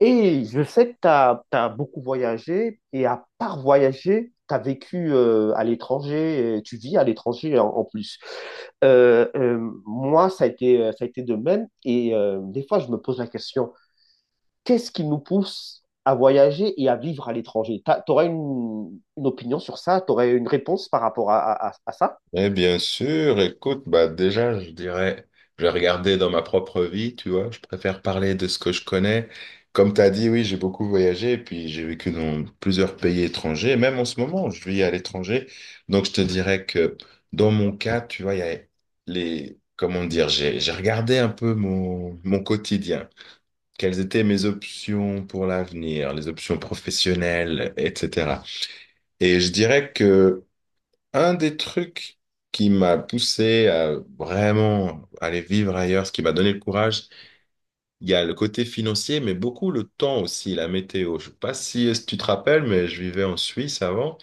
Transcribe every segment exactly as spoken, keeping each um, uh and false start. Et je sais que tu as beaucoup voyagé et à part voyager, tu as vécu euh, à l'étranger, et tu vis à l'étranger en, en plus. Euh, euh, moi, ça a été, euh, ça a été de même et euh, des fois, je me pose la question, qu'est-ce qui nous pousse à voyager et à vivre à l'étranger? Tu aurais une, une opinion sur ça? Tu aurais une réponse par rapport à, à, à- à ça? Eh bien sûr, écoute, bah déjà, je dirais, je vais regarder dans ma propre vie, tu vois, je préfère parler de ce que je connais. Comme tu as dit, oui, j'ai beaucoup voyagé, puis j'ai vécu dans plusieurs pays étrangers, même en ce moment, je vis à l'étranger. Donc, je te dirais que dans mon cas, tu vois, il y a les, comment dire, j'ai, j'ai regardé un peu mon, mon quotidien, quelles étaient mes options pour l'avenir, les options professionnelles, et cetera. Et je dirais que un des trucs qui m'a poussé à vraiment aller vivre ailleurs, ce qui m'a donné le courage, il y a le côté financier, mais beaucoup le temps aussi, la météo. Je sais pas si euh, si tu te rappelles, mais je vivais en Suisse avant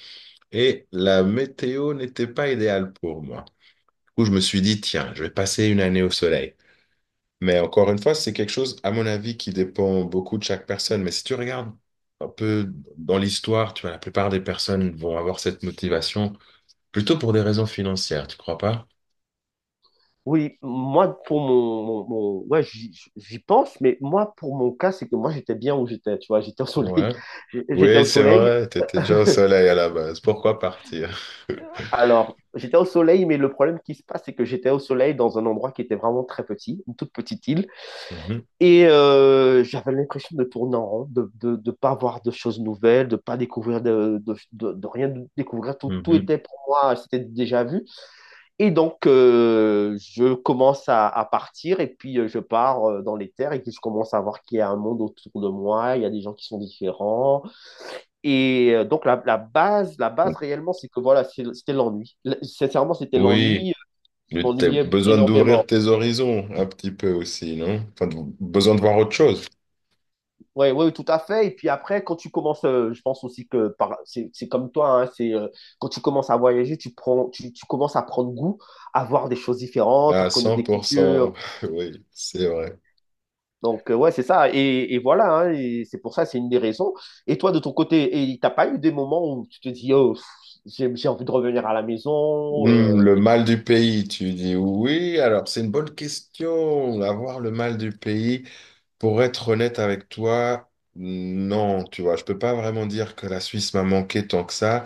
et la météo n'était pas idéale pour moi. Du coup, je me suis dit, tiens, je vais passer une année au soleil. Mais encore une fois, c'est quelque chose, à mon avis, qui dépend beaucoup de chaque personne. Mais si tu regardes un peu dans l'histoire, tu vois, la plupart des personnes vont avoir cette motivation plutôt pour des raisons financières, tu crois pas? Oui, moi, pour mon, mon, mon- ouais, j'y j'y pense, mais moi, pour mon cas, c'est que moi, j'étais bien où j'étais, tu vois, j'étais au soleil. Ouais. J'étais au Oui, c'est soleil. vrai, t'étais déjà au soleil à la base. Pourquoi partir? Alors, j'étais au soleil, mais le problème qui se passe, c'est que j'étais au soleil dans un endroit qui était vraiment très petit, une toute petite île, Mhm, et euh, j'avais l'impression de tourner en rond, de, ne de, de pas voir de choses nouvelles, de pas découvrir de, de, de, de rien découvrir. Tout, tout mhm. était pour moi, c'était déjà vu. Et donc, euh, je commence à, à partir et puis euh, je pars euh, dans les terres et puis je commence à voir qu'il y a un monde autour de moi, il y a des gens qui sont différents. Et euh, donc, la, la base, la base réellement, c'est que voilà, c'est- c'était l'ennui. L- Sincèrement, c'était Oui, l'ennui. euh, Je le- t'as m'ennuyais besoin d'ouvrir énormément. tes horizons un petit peu aussi, non? Enfin, de- besoin de voir autre chose. Ouais, ouais, tout à fait. Et puis après, quand tu commences, euh, je pense aussi que par, c'est, c'est comme toi, hein, c'est, euh, quand tu commences à voyager, tu prends, tu, tu commences à prendre goût à voir des choses différentes, à À connaître des cent pour cent, cultures. oui, c'est vrai. Donc, euh, ouais, c'est ça. Et, et voilà, hein, et c'est pour ça, c'est une des raisons. Et toi, de ton côté, et t'as pas eu des moments où tu te dis, oh, pff, j'ai, j'ai envie de revenir à la maison Hmm, euh, le et tout mal du pays, tu dis oui. Alors, c'est une bonne question. Avoir le mal du pays, pour être honnête avec toi, non, tu vois, je peux pas vraiment dire que la Suisse m'a manqué tant que ça.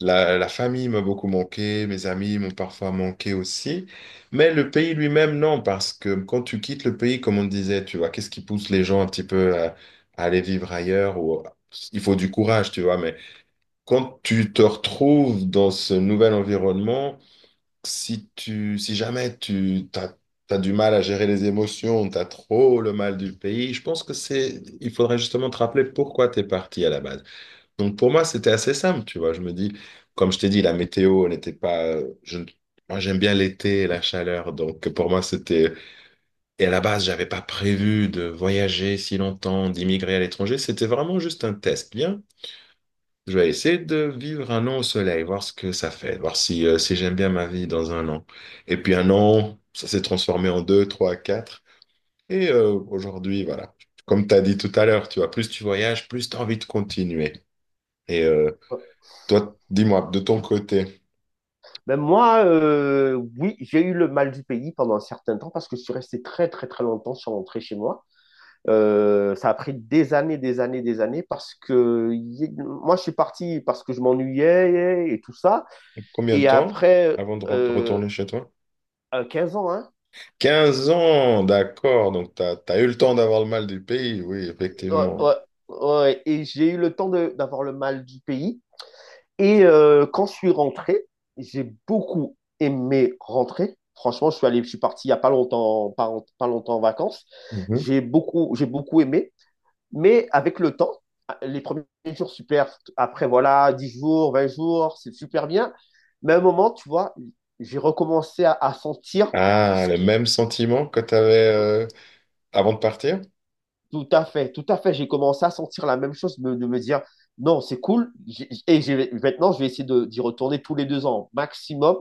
La, la famille m'a beaucoup manqué, mes amis m'ont parfois manqué aussi, mais le pays lui-même, non, parce que quand tu quittes le pays, comme on disait, tu vois, qu'est-ce qui pousse les gens un petit peu à, à aller vivre ailleurs ou il faut du courage, tu vois, mais quand tu te retrouves dans ce nouvel environnement, si tu, si jamais tu t'as, t'as du mal à gérer les émotions, t'as trop le mal du pays, je pense que c'est, il faudrait justement te rappeler pourquoi t'es parti à la base. Donc pour moi, c'était assez simple, tu vois. Je me dis, comme je t'ai dit, la météo n'était pas... euh, Je, moi, j'aime bien l'été et la chaleur, donc pour moi, c'était... Et à la base, j'avais pas prévu de voyager si longtemps, d'immigrer à l'étranger. C'était vraiment juste un test. Bien, je vais essayer de vivre un an au soleil, voir ce que ça fait, voir si, euh, si j'aime bien ma vie dans un an. Et puis un an, ça s'est transformé en deux, trois, quatre. Et euh, aujourd'hui, voilà. Comme tu as dit tout à l'heure, tu vois, plus tu voyages, plus tu as envie de continuer. Et euh, ça. Toi, dis-moi, de ton côté, Même moi, euh, oui, j'ai eu le mal du pays pendant un certain temps parce que je suis resté très, très, très longtemps sans rentrer chez moi. Euh, ça a pris des années, des années, des années parce que y- moi, je suis parti parce que je m'ennuyais et tout ça. combien de Et temps après, avant de rent- euh, retourner chez toi? à quinze ans, hein. Quinze ans, d'accord. Donc, tu as, eu le temps d'avoir le mal du pays, oui, Ouais, effectivement. ouais, ouais. Et j'ai eu le temps de- d'avoir le mal du pays. Et euh, quand je suis rentré, j'ai beaucoup aimé rentrer. Franchement, je suis allé, je suis parti il n'y a pas longtemps, pas, pas longtemps en vacances. Mhm. J'ai beaucoup, j'ai beaucoup aimé. Mais avec le temps, les premiers jours, super. Après, voilà, dix jours, vingt jours, c'est super bien. Mais à un moment, tu vois, j'ai recommencé à, à sentir Ah, ce le qui, même sentiment que tu avais avant de partir? Tout à fait, tout à fait. J'ai commencé à sentir la même chose, me- de me dire, non, c'est cool. J'ai- Et j'ai- maintenant, je vais essayer de- d'y retourner tous les deux ans maximum.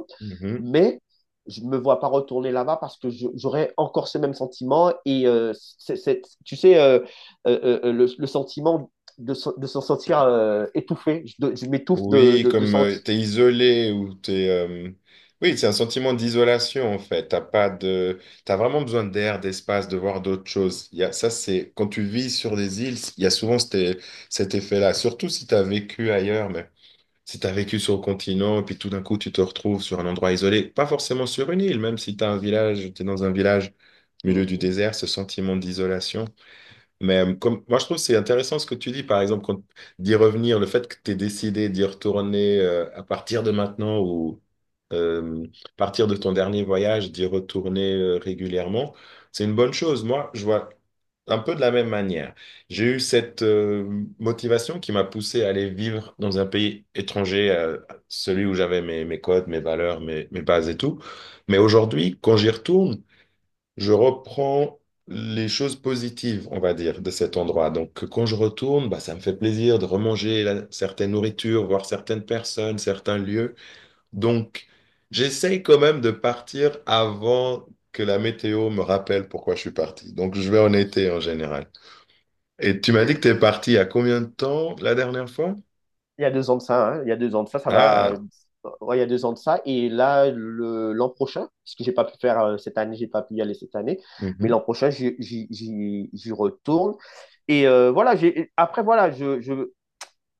Mais je ne me vois pas retourner là-bas parce que je- j'aurais encore ce même sentiment. Et euh, c'est- c'est- tu sais, euh, euh, euh, euh, le, le sentiment de, se- de se sentir euh, étouffé. Je, de- je m'étouffe de, Oui, de, de comme euh, sentir. t'es isolé ou t'es... euh, Oui, c'est un sentiment d'isolation en fait. T'as pas de... T'as vraiment besoin d'air, d'espace, de voir d'autres choses. Il y a... Ça, c'est... Quand tu vis sur des îles, il y a souvent cet, cet effet-là. Surtout si t'as vécu ailleurs, mais si t'as vécu sur le continent, et puis tout d'un coup, tu te retrouves sur un endroit isolé. Pas forcément sur une île, même si t'as un village, t'es dans un village au milieu du Mmh. désert, ce sentiment d'isolation. Mais euh, comme, moi, je trouve que c'est intéressant ce que tu dis, par exemple, quand- d'y revenir, le fait que tu aies décidé d'y retourner euh, à partir de maintenant ou euh, à partir de ton dernier voyage, d'y retourner euh, régulièrement, c'est une bonne chose. Moi, je vois un peu de la même manière. J'ai eu cette euh, motivation qui m'a poussé à aller vivre dans un pays étranger, euh, celui où j'avais mes, mes codes, mes valeurs, mes, mes bases et tout. Mais aujourd'hui, quand j'y retourne, je reprends les choses positives, on va dire, de cet endroit. Donc, quand je retourne, bah, ça me fait plaisir de remanger la- certaines nourritures, voir certaines personnes, certains lieux. Donc, j'essaye quand même de partir avant que la météo me rappelle pourquoi je suis parti. Donc, je vais en été en général. Et tu m'as dit que tu es parti il y a combien de temps la dernière fois? Il y a deux ans de ça, hein. Il y a deux ans de ça, ça va. Ah, Ouais, il y a deux ans de ça. Et là, le, l'an prochain, ce que j'ai pas pu faire euh, cette année, j'ai pas pu y aller cette année, mais mhm, l'an prochain, j'y, j'y, j'y- j'y retourne. Et euh, voilà, j'ai, après, voilà, je, je,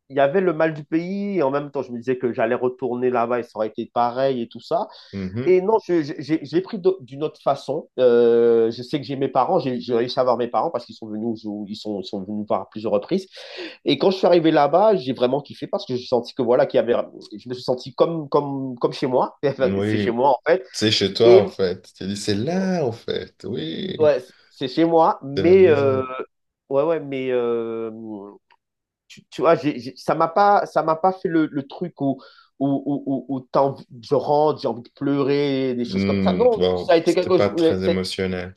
il y avait le mal du pays, et en même temps, je me disais que j'allais retourner là-bas et ça aurait été pareil et tout ça. mhm. Et non, je, je- j'ai, je l'ai pris d'au- d'une autre façon. Euh, je sais que j'ai mes parents, j'ai, j'ai réussi à voir mes parents parce qu'ils sont venus, jou- ils sont, ils sont venus voir à plusieurs reprises. Et quand je suis arrivé là-bas, j'ai vraiment kiffé parce que j'ai senti que voilà, qu'il y avait, je me suis senti comme, comme, comme chez moi. Enfin, c'est chez Oui, moi en fait. c'est chez toi en Et fait. Tu dis, c'est là en fait. Oui, ouais, c'est c'est chez moi, c'est la mais euh, maison. ouais, ouais, mais euh, tu, tu vois, j'ai, j'ai- ça m'a pas, ça m'a pas fait le, le truc où où, où, où, où t'as envie- je rentre, j'ai envie de pleurer, des choses comme ça. Hmm, Non, ça a wow, été c'était quelque pas chose. très émotionnel.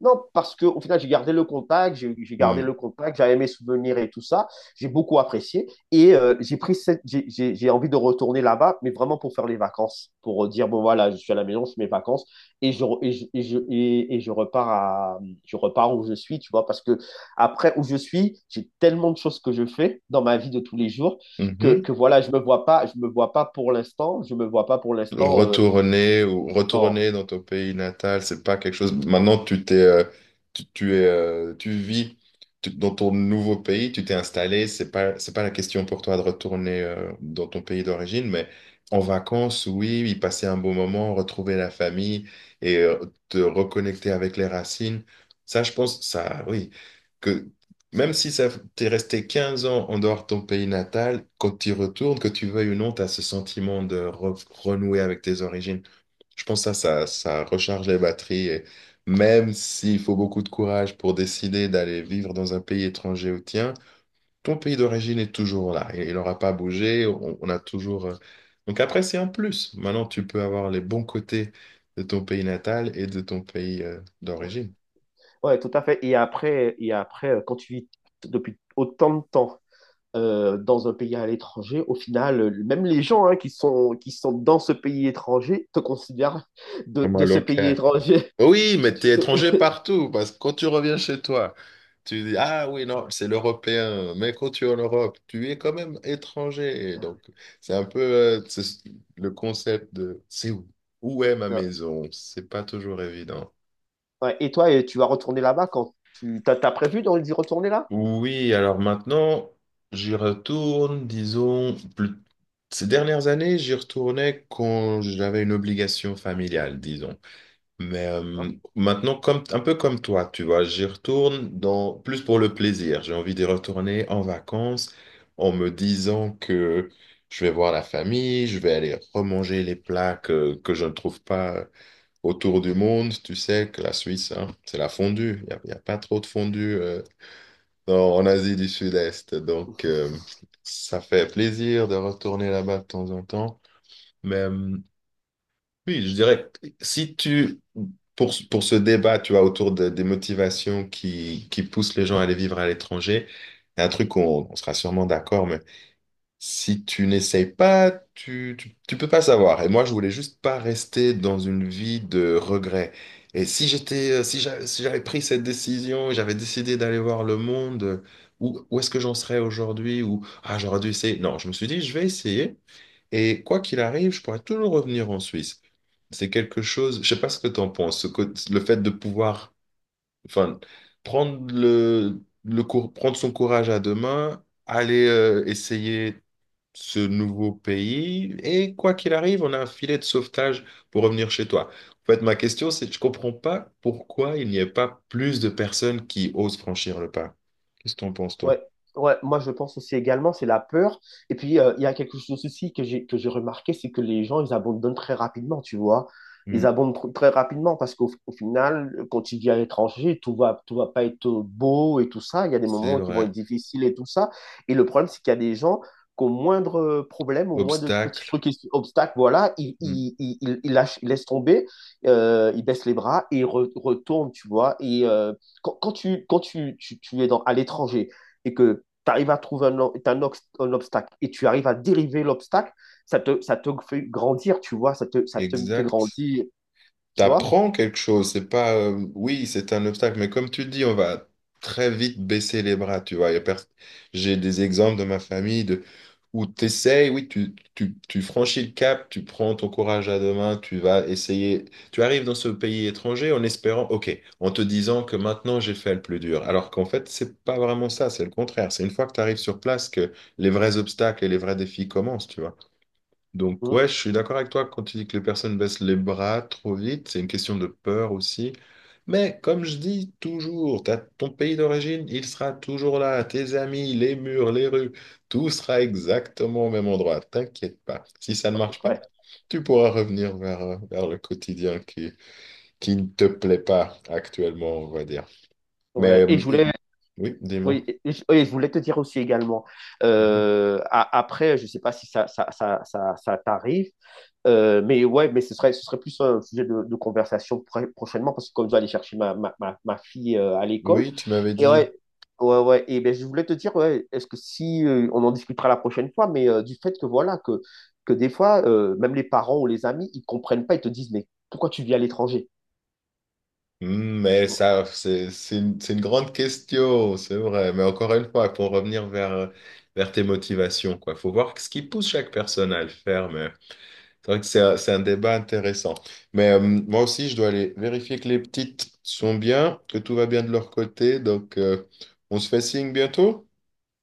Non, parce que au final, j'ai gardé le contact, j'ai j'ai gardé Hmm, le contact, j'avais mes souvenirs et tout ça. J'ai beaucoup apprécié et euh, j'ai pris cette, j'ai j'ai- j'ai envie de retourner là-bas, mais vraiment pour faire les vacances, pour euh, dire bon voilà, je suis à la maison, je fais mes vacances et je re- et je et je, et- et je repars à je repars où je suis, tu vois, parce que après où je suis, j'ai tellement de choses que je fais dans ma vie de tous les jours que mhm. que voilà, je me vois pas, je me vois pas pour l'instant, je me vois pas pour l'instant. euh, Retourner ou non. retourner dans ton pays natal, c'est pas quelque chose. Maintenant, tu t'es, euh, tu, tu es, euh, tu vis tu- dans ton nouveau pays, tu t'es installé. C'est pas, c'est pas la question pour toi de retourner euh, dans ton pays d'origine, mais en vacances, oui, y passer un bon moment, retrouver la famille et euh, te reconnecter avec les racines. Ça, je pense, ça, oui. Même si ça, t'es resté quinze ans en dehors de ton pays natal, quand tu y retournes, que tu veuilles ou non, t'as ce sentiment de re- renouer avec tes origines. Je pense que ça, ça, ça recharge les batteries. Et même s'il faut beaucoup de courage pour décider d'aller vivre dans un pays étranger au tien, ton pays d'origine est toujours là. Il n'aura pas bougé. On, on a toujours. euh, Donc après, c'est un plus. Maintenant, tu peux avoir les bons côtés de ton pays natal et de ton pays, euh, d'origine. Ouais, tout à fait. Et après, et après, euh, quand tu vis t- depuis autant de temps euh, dans un pays à l'étranger, au final, euh, même les gens hein, qui sont, qui sont dans ce pays étranger te considèrent de, Vraiment de ce pays local. étranger. Oui, mais Tu- tu- t'es étranger partout, parce que quand tu reviens chez toi, tu dis, ah oui, non, c'est l'Européen, mais quand tu es en Europe, tu es quand même étranger. Et donc, c'est un peu euh, c'est ce- le concept de, c'est où? Où est ma euh, maison? C'est pas toujours évident. Ouais. Et toi, euh, tu vas retourner là-bas quand tu t'as, t'as prévu d'y retourner là? Oui, alors maintenant, j'y retourne, disons, plus- ces dernières années, j'y retournais quand j'avais une obligation familiale, disons. Mais euh, maintenant, comme, un peu comme toi, tu vois, j'y retourne dans, plus pour le plaisir. J'ai envie d'y retourner en vacances en me disant que je vais voir la famille, je vais aller remanger les plats que, que je ne trouve pas autour du monde. Tu sais que la Suisse, hein, c'est la fondue. Il n'y a, y a pas trop de fondue euh, dans- en Asie du Sud-Est. Donc, euh, ça fait plaisir de retourner là-bas de temps en temps. Mais euh, oui, je dirais, que si tu, pour, pour ce débat, tu vois, autour de- des motivations qui, qui poussent les gens à aller vivre à l'étranger, il y a un truc qu'on on sera sûrement d'accord, mais si tu n'essayes pas, tu, tu, tu peux pas savoir. Et moi, je voulais juste pas rester dans une vie de regret. Et si j'étais, euh, si j'a- si j'avais pris cette décision, j'avais décidé d'aller voir le monde, euh, où, où est-ce que j'en serais aujourd'hui? Ou, ah, j'aurais dû essayer. Non, je me suis dit, je vais essayer. Et quoi qu'il arrive, je pourrais toujours revenir en Suisse. C'est quelque chose, je sais pas ce que tu en penses, ce côté- le fait de pouvoir, enfin, prendre le, le cour- prendre son courage à deux mains, aller euh, essayer ce nouveau pays, et quoi qu'il arrive, on a un filet de sauvetage pour revenir chez toi. En fait, ma question, c'est que je comprends pas pourquoi il n'y a pas plus de personnes qui osent franchir le pas. Qu'est-ce que t'en penses, toi? Ouais, ouais, moi je pense aussi également, c'est la peur. Et puis euh, il y a quelque chose aussi que j'ai que j'ai remarqué, c'est que les gens, ils abandonnent très rapidement, tu vois. Hmm, Ils abandonnent tr- très rapidement parce qu'au au final, quand tu vis à l'étranger, tout va, tout va pas être beau et tout ça. Il y a des c'est moments qui vont être vrai. difficiles et tout ça. Et le problème, c'est qu'il y a des gens qu'au moindre problème, au moindre petit Obstacle. truc, obstacle, voilà, ils, Hmm, ils, ils, ils- ils lâchent, ils laissent tomber, euh, ils baissent les bras et ils re- retournent, tu vois. Et euh, quand, quand tu, quand tu, tu, tu es dans, à l'étranger, et que tu arrives à trouver un, un, un, obstacle et tu arrives à dériver l'obstacle, ça te, ça te fait grandir, tu vois, ça te, ça te fait exact. grandir, tu vois. T'apprends quelque chose. C'est pas, euh, oui, c'est un obstacle, mais comme tu dis, on va très vite baisser les bras, tu vois. Y a pers- J'ai des exemples de ma famille de, où tu essayes, oui, tu, tu, tu franchis le cap, tu prends ton courage à deux mains, tu vas essayer. Tu arrives dans ce pays étranger en espérant, OK, en te disant que maintenant j'ai fait le plus dur. Alors qu'en fait, c'est pas vraiment ça, c'est le contraire. C'est une fois que tu arrives sur place que les vrais obstacles et les vrais défis commencent, tu vois. Donc Mmh. ouais, je suis d'accord avec toi quand tu dis que les personnes baissent les bras trop vite, c'est une question de peur aussi. Mais comme je dis toujours, t'as ton pays d'origine, il sera toujours là, tes amis, les murs, les rues, tout sera exactement au même endroit, t'inquiète pas. Si ça ne marche pas, Ouais, tu pourras revenir vers, euh, vers le quotidien qui, qui ne te plaît pas actuellement, on va dire. Mais ouais. Et je euh, voulais, oui, dis-moi. oui, et je, et je voulais te dire aussi également, Mhm. euh, a- après, je sais pas si ça, ça, ça, ça, ça t'arrive. Euh, mais ouais, mais ce serait, ce serait plus un sujet de, de conversation pr- prochainement parce que comme je dois aller chercher ma, ma, ma, ma fille euh, à l'école. Oui, tu m'avais Et dit... ouais, ouais, ouais. Et ben, je voulais te dire, ouais, est-ce que si euh, on en discutera la prochaine fois, mais euh, du fait que voilà, que, que des fois, euh, même les parents ou les amis, ils comprennent pas, ils te disent, mais pourquoi tu vis à l'étranger? Hmm, Tu mais vois. ça, c'est c'est une, c'est une grande question, c'est vrai. Mais encore une fois, pour revenir vers, vers tes motivations, quoi. Faut voir ce qui pousse chaque personne à le faire. Mais c'est vrai que c'est un, c'est un débat intéressant. Mais euh, moi aussi, je dois aller vérifier que les petites sont bien, que tout va bien de leur côté. Donc, euh, on se fait signe bientôt.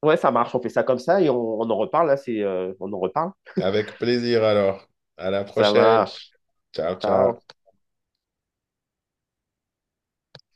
Ouais, ça marche, on fait ça comme ça et on, on en reparle, là, c'est, euh, on en reparle. Avec plaisir alors. À la Ça prochaine. marche. Ciao, Ciao. ciao.